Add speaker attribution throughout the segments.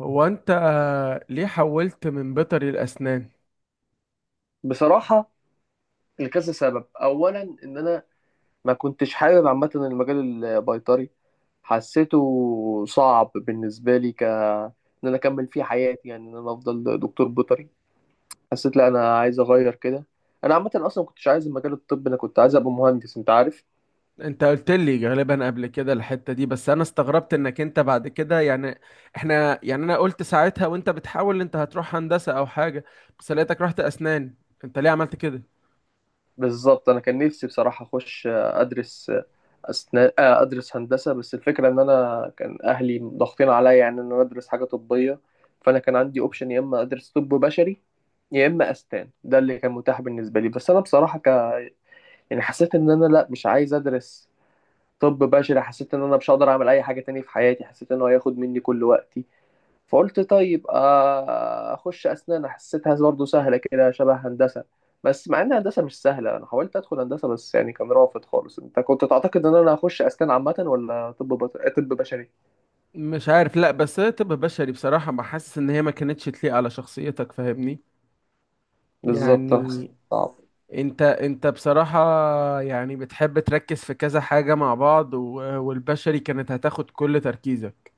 Speaker 1: هو انت ليه حولت من بيطري لاسنان؟
Speaker 2: بصراحة، لكذا سبب أولا إن أنا ما كنتش حابب عامة المجال البيطري. حسيته صعب بالنسبة لي ك إن أنا أكمل فيه حياتي، يعني إن أنا أفضل دكتور بيطري. حسيت لا، أنا عايز أغير كده. أنا عامة أصلا ما كنتش عايز المجال الطبي، أنا كنت عايز أبقى مهندس، أنت عارف.
Speaker 1: انت قلت لي غالبا قبل كده الحتة دي، بس انا استغربت انك انت بعد كده. يعني احنا، يعني انا قلت ساعتها وانت بتحاول انت هتروح هندسة او حاجة، بس لقيتك رحت اسنان. انت ليه عملت كده؟
Speaker 2: بالظبط، أنا كان نفسي بصراحة أخش أدرس اثناء ادرس هندسه. بس الفكره ان انا كان اهلي ضاغطين عليا، يعني ان انا ادرس حاجه طبيه. فانا كان عندي اوبشن، يا اما ادرس طب بشري يا اما اسنان، ده اللي كان متاح بالنسبه لي. بس انا بصراحه ك... يعني حسيت ان انا لا، مش عايز ادرس طب بشري. حسيت ان انا مش هقدر اعمل اي حاجه تانية في حياتي، حسيت ان هو هياخد مني كل وقتي. فقلت طيب، اخش اسنان. حسيتها برضه سهله كده، شبه هندسه. بس مع ان هندسه مش سهله، انا حاولت ادخل هندسه بس يعني كان رافض خالص. انت كنت تعتقد ان انا هخش اسنان عامه ولا طب بط... طب بشري؟
Speaker 1: مش عارف، لا بس هي طب بشري بصراحة ما حاسس ان هي ما كانتش تليق على شخصيتك، فاهمني؟
Speaker 2: بالظبط.
Speaker 1: يعني
Speaker 2: صعب.
Speaker 1: انت بصراحة، يعني بتحب تركز في كذا حاجة مع بعض، و- والبشري كانت هتاخد كل تركيزك.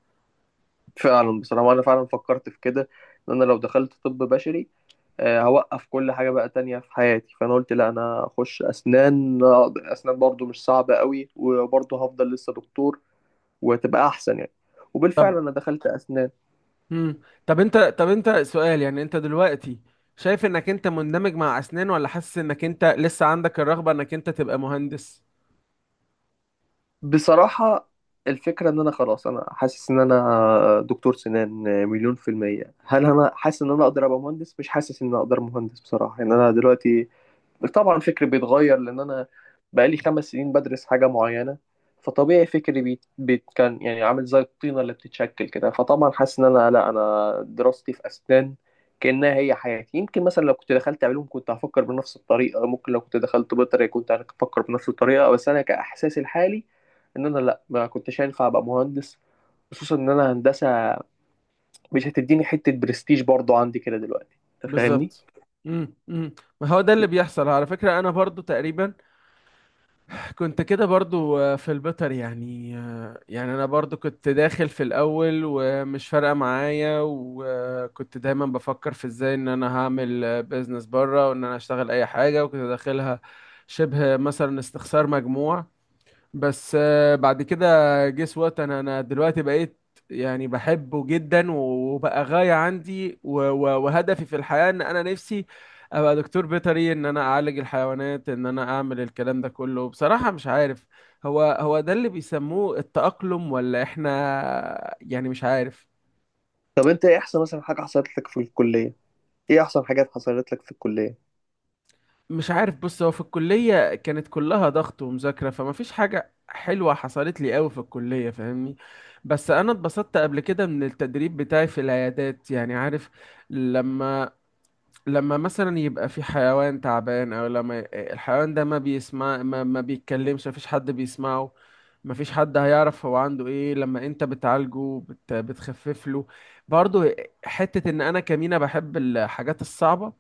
Speaker 2: فعلا، بصراحه انا فعلا فكرت في كده، ان انا لو دخلت طب بشري هوقف كل حاجه بقى تانية في حياتي. فانا قلت لا، انا اخش اسنان. اسنان برضه مش صعبه قوي وبرضه هفضل لسه دكتور. وتبقى احسن يعني. وبالفعل انا دخلت اسنان.
Speaker 1: مم. طب انت، طب انت سؤال، يعني انت دلوقتي شايف انك انت مندمج مع اسنان، ولا حاسس انك انت لسه عندك الرغبة انك انت تبقى مهندس؟
Speaker 2: بصراحة، الفكرة ان انا خلاص، انا حاسس ان انا دكتور سنان مليون في المية. هل انا حاسس ان انا اقدر ابقى مهندس؟ مش حاسس ان انا اقدر مهندس بصراحة، يعني انا دلوقتي. طبعا فكري بيتغير، لان انا بقالي 5 سنين بدرس حاجه معينه. فطبيعي فكري بيت بيت كان يعني عامل زي الطينه اللي بتتشكل كده. فطبعا حاسس ان انا لا، انا دراستي في اسنان كانها هي حياتي. يمكن مثلا لو كنت دخلت علوم كنت هفكر بنفس الطريقه، ممكن لو كنت دخلت بيطري كنت هفكر بنفس الطريقه. بس انا كاحساسي الحالي، ان انا لا ما كنتش هينفع ابقى مهندس. خصوصا ان انا هندسه مش هتديني حته برستيج برضو عندي كده دلوقتي، انت فاهمني.
Speaker 1: بالظبط. امم امم ما هو ده اللي بيحصل على فكرة، انا برضو تقريبا كنت كده برضو، في البيطر، يعني يعني انا برضو كنت داخل في الاول ومش فارقة معايا، وكنت دايما بفكر في ازاي ان انا هعمل بيزنس بره وان انا اشتغل اي حاجة، وكنت داخلها شبه مثلا استخسار مجموع. بس بعد كده جيس وات انا دلوقتي بقيت يعني بحبه جدا، وبقى غاية عندي، و- و- وهدفي في الحياة ان انا نفسي ابقى دكتور بيطري، ان انا اعالج الحيوانات، ان انا اعمل الكلام ده كله. بصراحة مش عارف هو هو ده اللي بيسموه التأقلم ولا احنا، يعني مش عارف.
Speaker 2: طب انت ايه احسن مثلا حاجه حصلت لك في الكليه؟ ايه احسن حاجات حصلت لك في الكليه؟
Speaker 1: مش عارف، بص، هو في الكلية كانت كلها ضغط ومذاكرة، فما فيش حاجة حلوة حصلت لي قوي في الكلية، فاهمني؟ بس انا اتبسطت قبل كده من التدريب بتاعي في العيادات، يعني عارف، لما، لما مثلا يبقى في حيوان تعبان، او لما الحيوان ده ما بيسمع، ما بيتكلمش، ما فيش حد بيسمعه، ما فيش حد هيعرف هو عنده ايه، لما انت بتعالجه بتخفف له. برضه حتة ان انا كمينة بحب الحاجات الصعبة،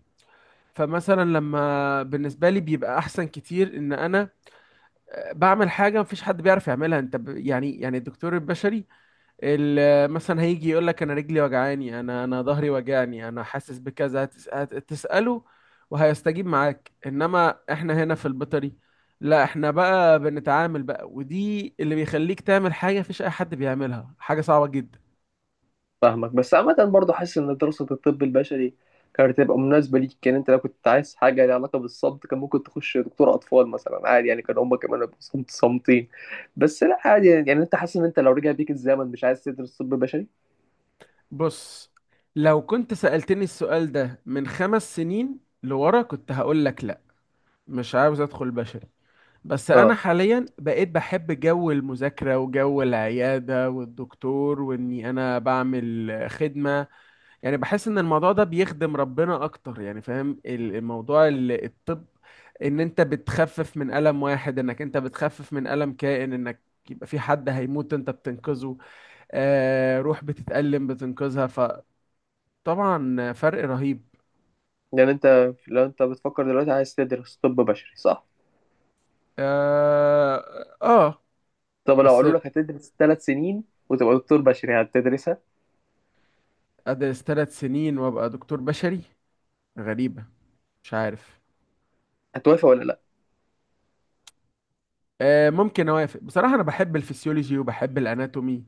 Speaker 1: فمثلا لما بالنسبه لي بيبقى احسن كتير ان انا بعمل حاجه مفيش حد بيعرف يعملها. انت ب... يعني، يعني الدكتور البشري، ال- مثلا هيجي يقول لك انا رجلي وجعاني، انا ظهري وجعني، انا حاسس بكذا، هتساله وهيستجيب معاك. انما احنا هنا في البيطري لا، احنا بقى بنتعامل بقى، ودي اللي بيخليك تعمل حاجه مفيش اي حد بيعملها، حاجه صعبه جدا.
Speaker 2: فاهمك، بس عامه برضه حاسس ان دراسه الطب البشري كانت هتبقى مناسبه ليك. كان انت لو كنت عايز حاجه ليها علاقه بالصمت، كان ممكن تخش دكتور اطفال مثلا عادي يعني، كان هما كمان هيبقوا صمت صامتين. بس لا عادي يعني، يعني انت حاسس ان انت لو رجع بيك الزمن مش عايز تدرس طب بشري؟
Speaker 1: بص، لو كنت سألتني السؤال ده من خمس سنين لورا كنت هقول لك لا، مش عاوز ادخل بشري. بس انا
Speaker 2: اه،
Speaker 1: حاليا بقيت بحب جو المذاكره وجو العياده والدكتور، واني انا بعمل خدمه، يعني بحس ان الموضوع ده بيخدم ربنا اكتر، يعني فاهم ال- الموضوع ال- الطب. ان انت بتخفف من الم واحد، انك انت بتخفف من الم كائن، انك يبقى في حد هيموت انت بتنقذه، آه روح بتتألم بتنقذها، فطبعا فرق رهيب.
Speaker 2: يعني انت لو انت بتفكر دلوقتي عايز تدرس طب بشري، صح؟
Speaker 1: اه, آه.
Speaker 2: طب لو
Speaker 1: بس
Speaker 2: قالوا لك هتدرس 3 سنين وتبقى دكتور بشري، هتدرسها؟
Speaker 1: أدرس ثلاث سنين وأبقى دكتور بشري؟ غريبة. مش عارف.
Speaker 2: هتوافق ولا لا؟
Speaker 1: آه ممكن أوافق، بصراحة أنا بحب الفسيولوجي وبحب الأناتومي،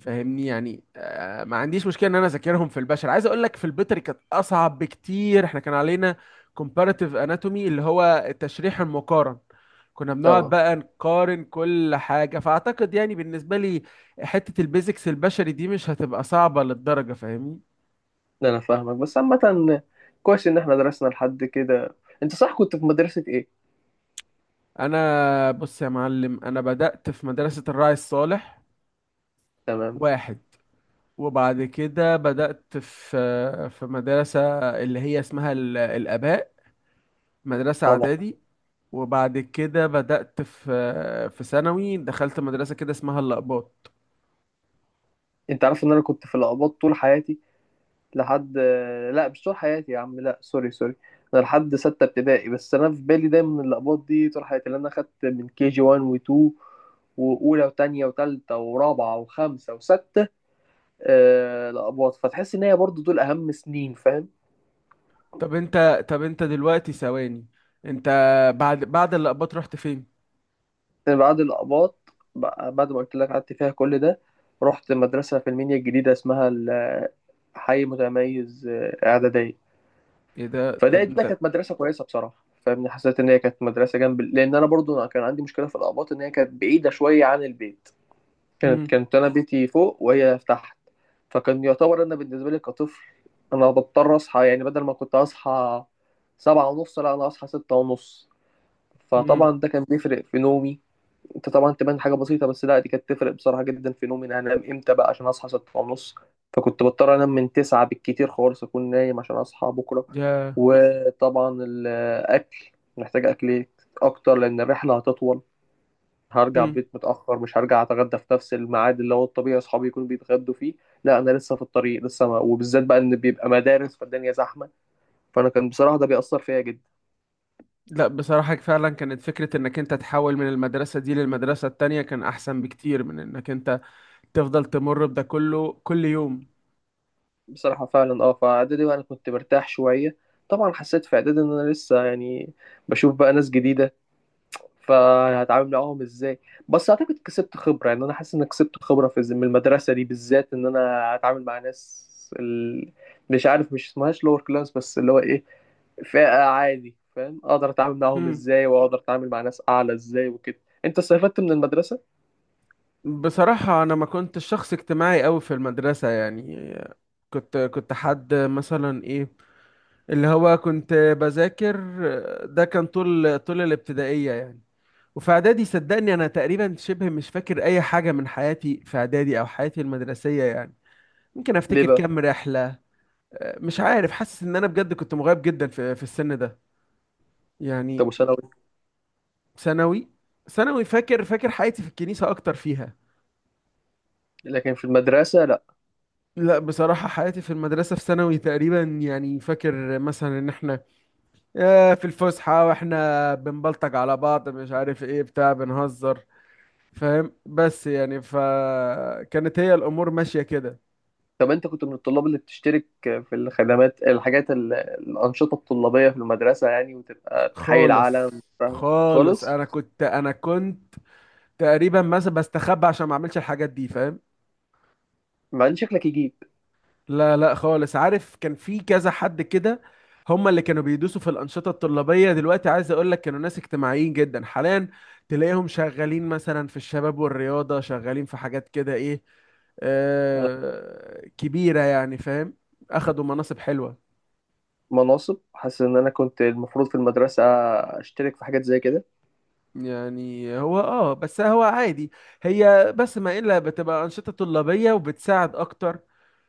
Speaker 1: فاهمني؟ يعني آه ما عنديش مشكلة إن أنا أذاكرهم في البشر. عايز أقول لك في البيطري كانت أصعب بكتير، إحنا كان علينا comparative anatomy اللي هو التشريح المقارن، كنا بنقعد
Speaker 2: طبعا.
Speaker 1: بقى نقارن كل حاجة. فأعتقد يعني بالنسبة لي حتة البيزكس البشري دي مش هتبقى صعبة للدرجة، فاهمني؟
Speaker 2: ده انا فاهمك بس عامة. كويس ان احنا درسنا لحد كده. انت صح، كنت في مدرسة ايه؟
Speaker 1: أنا بص يا معلم، أنا بدأت في مدرسة الراعي الصالح
Speaker 2: تمام.
Speaker 1: واحد، وبعد كده بدأت في مدرسة اللي هي اسمها ال- الآباء، مدرسة
Speaker 2: طبعا.
Speaker 1: إعدادي. وبعد كده بدأت في ثانوي، دخلت مدرسة كده اسمها الأقباط.
Speaker 2: انت عارف ان انا كنت في القباط طول حياتي لحد. لا، مش طول حياتي يا عم، لا، سوري سوري. انا لحد 6 ابتدائي، بس انا في بالي دايما ان القباط دي طول حياتي لان انا خدت من كي جي 1 و2 واولى وتانية وتالتة ورابعة وخمسة وستة. آه، القباط، فتحس ان هي برضو دول اهم سنين، فاهم؟
Speaker 1: طب أنت، طب أنت دلوقتي ثواني، أنت بعد بعد الأقباط رحت فين؟
Speaker 2: بعد الأباط بعد ما قلت لك قعدت فيها كل ده. رحت مدرسة في المنيا الجديدة اسمها حي متميز، إعدادية.
Speaker 1: إيه ده،
Speaker 2: فده
Speaker 1: طب
Speaker 2: ده
Speaker 1: أنت؟
Speaker 2: كانت مدرسة كويسة بصراحة، فاهمني. حسيت إن هي كانت مدرسة جنب، لأن أنا برضو كان عندي مشكلة في الأباط إن هي كانت بعيدة شوية عن البيت. كانت
Speaker 1: هم.
Speaker 2: كانت أنا بيتي فوق وهي تحت. فكان يعتبر أنا بالنسبة لي كطفل، أنا بضطر أصحى يعني بدل ما كنت أصحى 7:30، لا أنا أصحى 6:30.
Speaker 1: هم.
Speaker 2: فطبعا ده كان بيفرق في نومي. انت طبعا تبان حاجه بسيطه، بس لا، دي كانت تفرق بصراحه جدا في نومي. انا هنام امتى بقى عشان اصحى 6 ونص؟ فكنت بضطر انام من 9 بالكتير خالص اكون نايم عشان اصحى بكره.
Speaker 1: يا
Speaker 2: وطبعا الاكل، محتاج اكل إيه؟ اكتر، لان الرحله هتطول. هرجع
Speaker 1: هم.
Speaker 2: البيت متاخر، مش هرجع اتغدى في نفس الميعاد اللي هو الطبيعي اصحابي يكونوا بيتغدوا فيه. لا، انا لسه في الطريق لسه ما... وبالذات بقى ان بيبقى مدارس فالدنيا زحمه. فانا كان بصراحه، ده بيأثر فيا جدا.
Speaker 1: لا بصراحة فعلا كانت فكرة إنك أنت تحول من المدرسة دي للمدرسة التانية كان أحسن بكتير من إنك أنت تفضل تمر بده كله كل يوم.
Speaker 2: بصراحة فعلا، اه، فإعدادي بقى أنا كنت مرتاح شوية. طبعا حسيت في إعدادي إن أنا لسه يعني بشوف بقى ناس جديدة، فهتعامل معاهم إزاي. بس أعتقد كسبت خبرة، يعني أنا حاسس إن أنا كسبت خبرة من المدرسة دي بالذات، إن أنا هتعامل مع ناس. ال... مش عارف مش اسمهاش لور كلاس، بس اللي هو إيه، فئة عادي، فاهم؟ أقدر أتعامل معاهم
Speaker 1: مم.
Speaker 2: إزاي، وأقدر أتعامل مع ناس أعلى إزاي وكده. أنت استفدت من المدرسة؟
Speaker 1: بصراحة أنا ما كنتش شخص اجتماعي أوي في المدرسة، يعني كنت حد مثلا إيه، اللي هو كنت بذاكر. ده كان طول الابتدائية يعني. وفي إعدادي صدقني أنا تقريبا شبه مش فاكر أي حاجة من حياتي في إعدادي أو حياتي المدرسية، يعني ممكن
Speaker 2: ليه
Speaker 1: أفتكر
Speaker 2: بقى؟
Speaker 1: كام رحلة. مش عارف، حاسس إن أنا بجد كنت مغيب جدا في السن ده،
Speaker 2: طب
Speaker 1: يعني.
Speaker 2: وثانوي؟
Speaker 1: ثانوي؟ ثانوي فاكر، فاكر حياتي في الكنيسة أكتر فيها.
Speaker 2: لكن في المدرسة؟
Speaker 1: لا بصراحة حياتي في المدرسة في ثانوي، تقريبا يعني فاكر مثلا ان احنا في الفسحة واحنا بنبلطج على بعض مش عارف ايه بتاع، بنهزر فاهم؟ بس يعني فكانت هي الامور ماشية كده.
Speaker 2: طب انت كنت من الطلاب اللي بتشترك في الخدمات الحاجات الأنشطة الطلابية في المدرسة، يعني وتبقى تحيي العالم؟
Speaker 1: خالص. خالص،
Speaker 2: خالص؟
Speaker 1: انا كنت تقريبا مثلا بستخبى عشان ما اعملش الحاجات دي، فاهم؟
Speaker 2: مع ان شكلك يجيب.
Speaker 1: لا لا خالص، عارف كان في كذا حد كده، هم اللي كانوا بيدوسوا في الأنشطة الطلابية، دلوقتي عايز أقول لك كانوا ناس اجتماعيين جدا، حاليا تلاقيهم شغالين مثلا في الشباب والرياضة، شغالين في حاجات كده إيه،
Speaker 2: آه،
Speaker 1: آه كبيرة يعني، فاهم؟ أخدوا مناصب حلوة.
Speaker 2: مناصب. حاسس ان انا كنت المفروض في المدرسة اشترك في حاجات زي كده.
Speaker 1: يعني هو اه، بس هو عادي، هي بس ما الا بتبقى انشطه طلابيه وبتساعد اكتر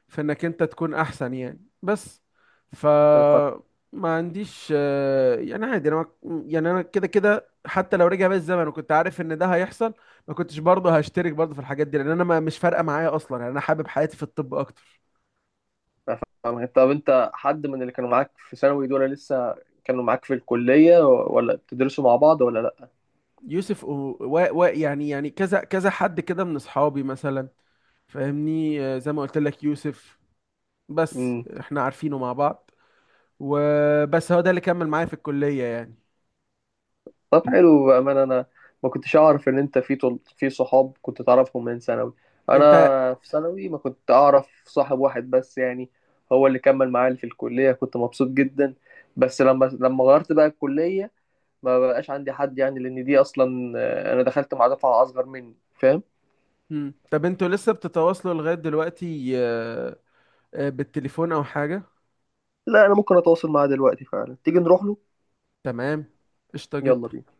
Speaker 1: في انك انت تكون احسن يعني، بس ف،
Speaker 2: أنا فاهم-
Speaker 1: ما عنديش يعني عادي. انا ما- يعني انا كده كده حتى لو رجع بيا الزمن وكنت عارف ان ده هيحصل ما كنتش برضه هشترك برضه في الحاجات دي، لان انا ما مش فارقه معايا اصلا يعني، انا حابب حياتي في الطب اكتر.
Speaker 2: فاهم. طب انت حد من اللي كانوا معاك في ثانوي دول لسه كانوا معاك في الكلية، ولا بتدرسوا مع بعض، ولا؟
Speaker 1: يوسف و... يعني يعني كذا حد كده من اصحابي مثلا، فاهمني؟ زي ما قلت لك يوسف، بس
Speaker 2: لا،
Speaker 1: احنا عارفينه مع بعض، وبس هو ده اللي كمل معايا في الكلية يعني.
Speaker 2: طب حلو بأمانة أنا ما كنتش أعرف إن أنت في صحاب كنت تعرفهم من ثانوي.
Speaker 1: انت.
Speaker 2: أنا في ثانوي ما كنت أعرف صاحب واحد بس يعني. هو اللي كمل معايا في الكلية، كنت مبسوط جدا. بس لما غيرت بقى الكلية. ما بقاش عندي حد يعني، لأن دي أصلا أنا دخلت مع دفعة أصغر مني، فاهم؟
Speaker 1: مم. طب انتوا لسه بتتواصلوا لغاية دلوقتي، بالتليفون او حاجة؟
Speaker 2: لا، أنا ممكن أتواصل معاه دلوقتي فعلا، تيجي نروح له.
Speaker 1: تمام، قشطة
Speaker 2: يلا
Speaker 1: جدا.
Speaker 2: بينا.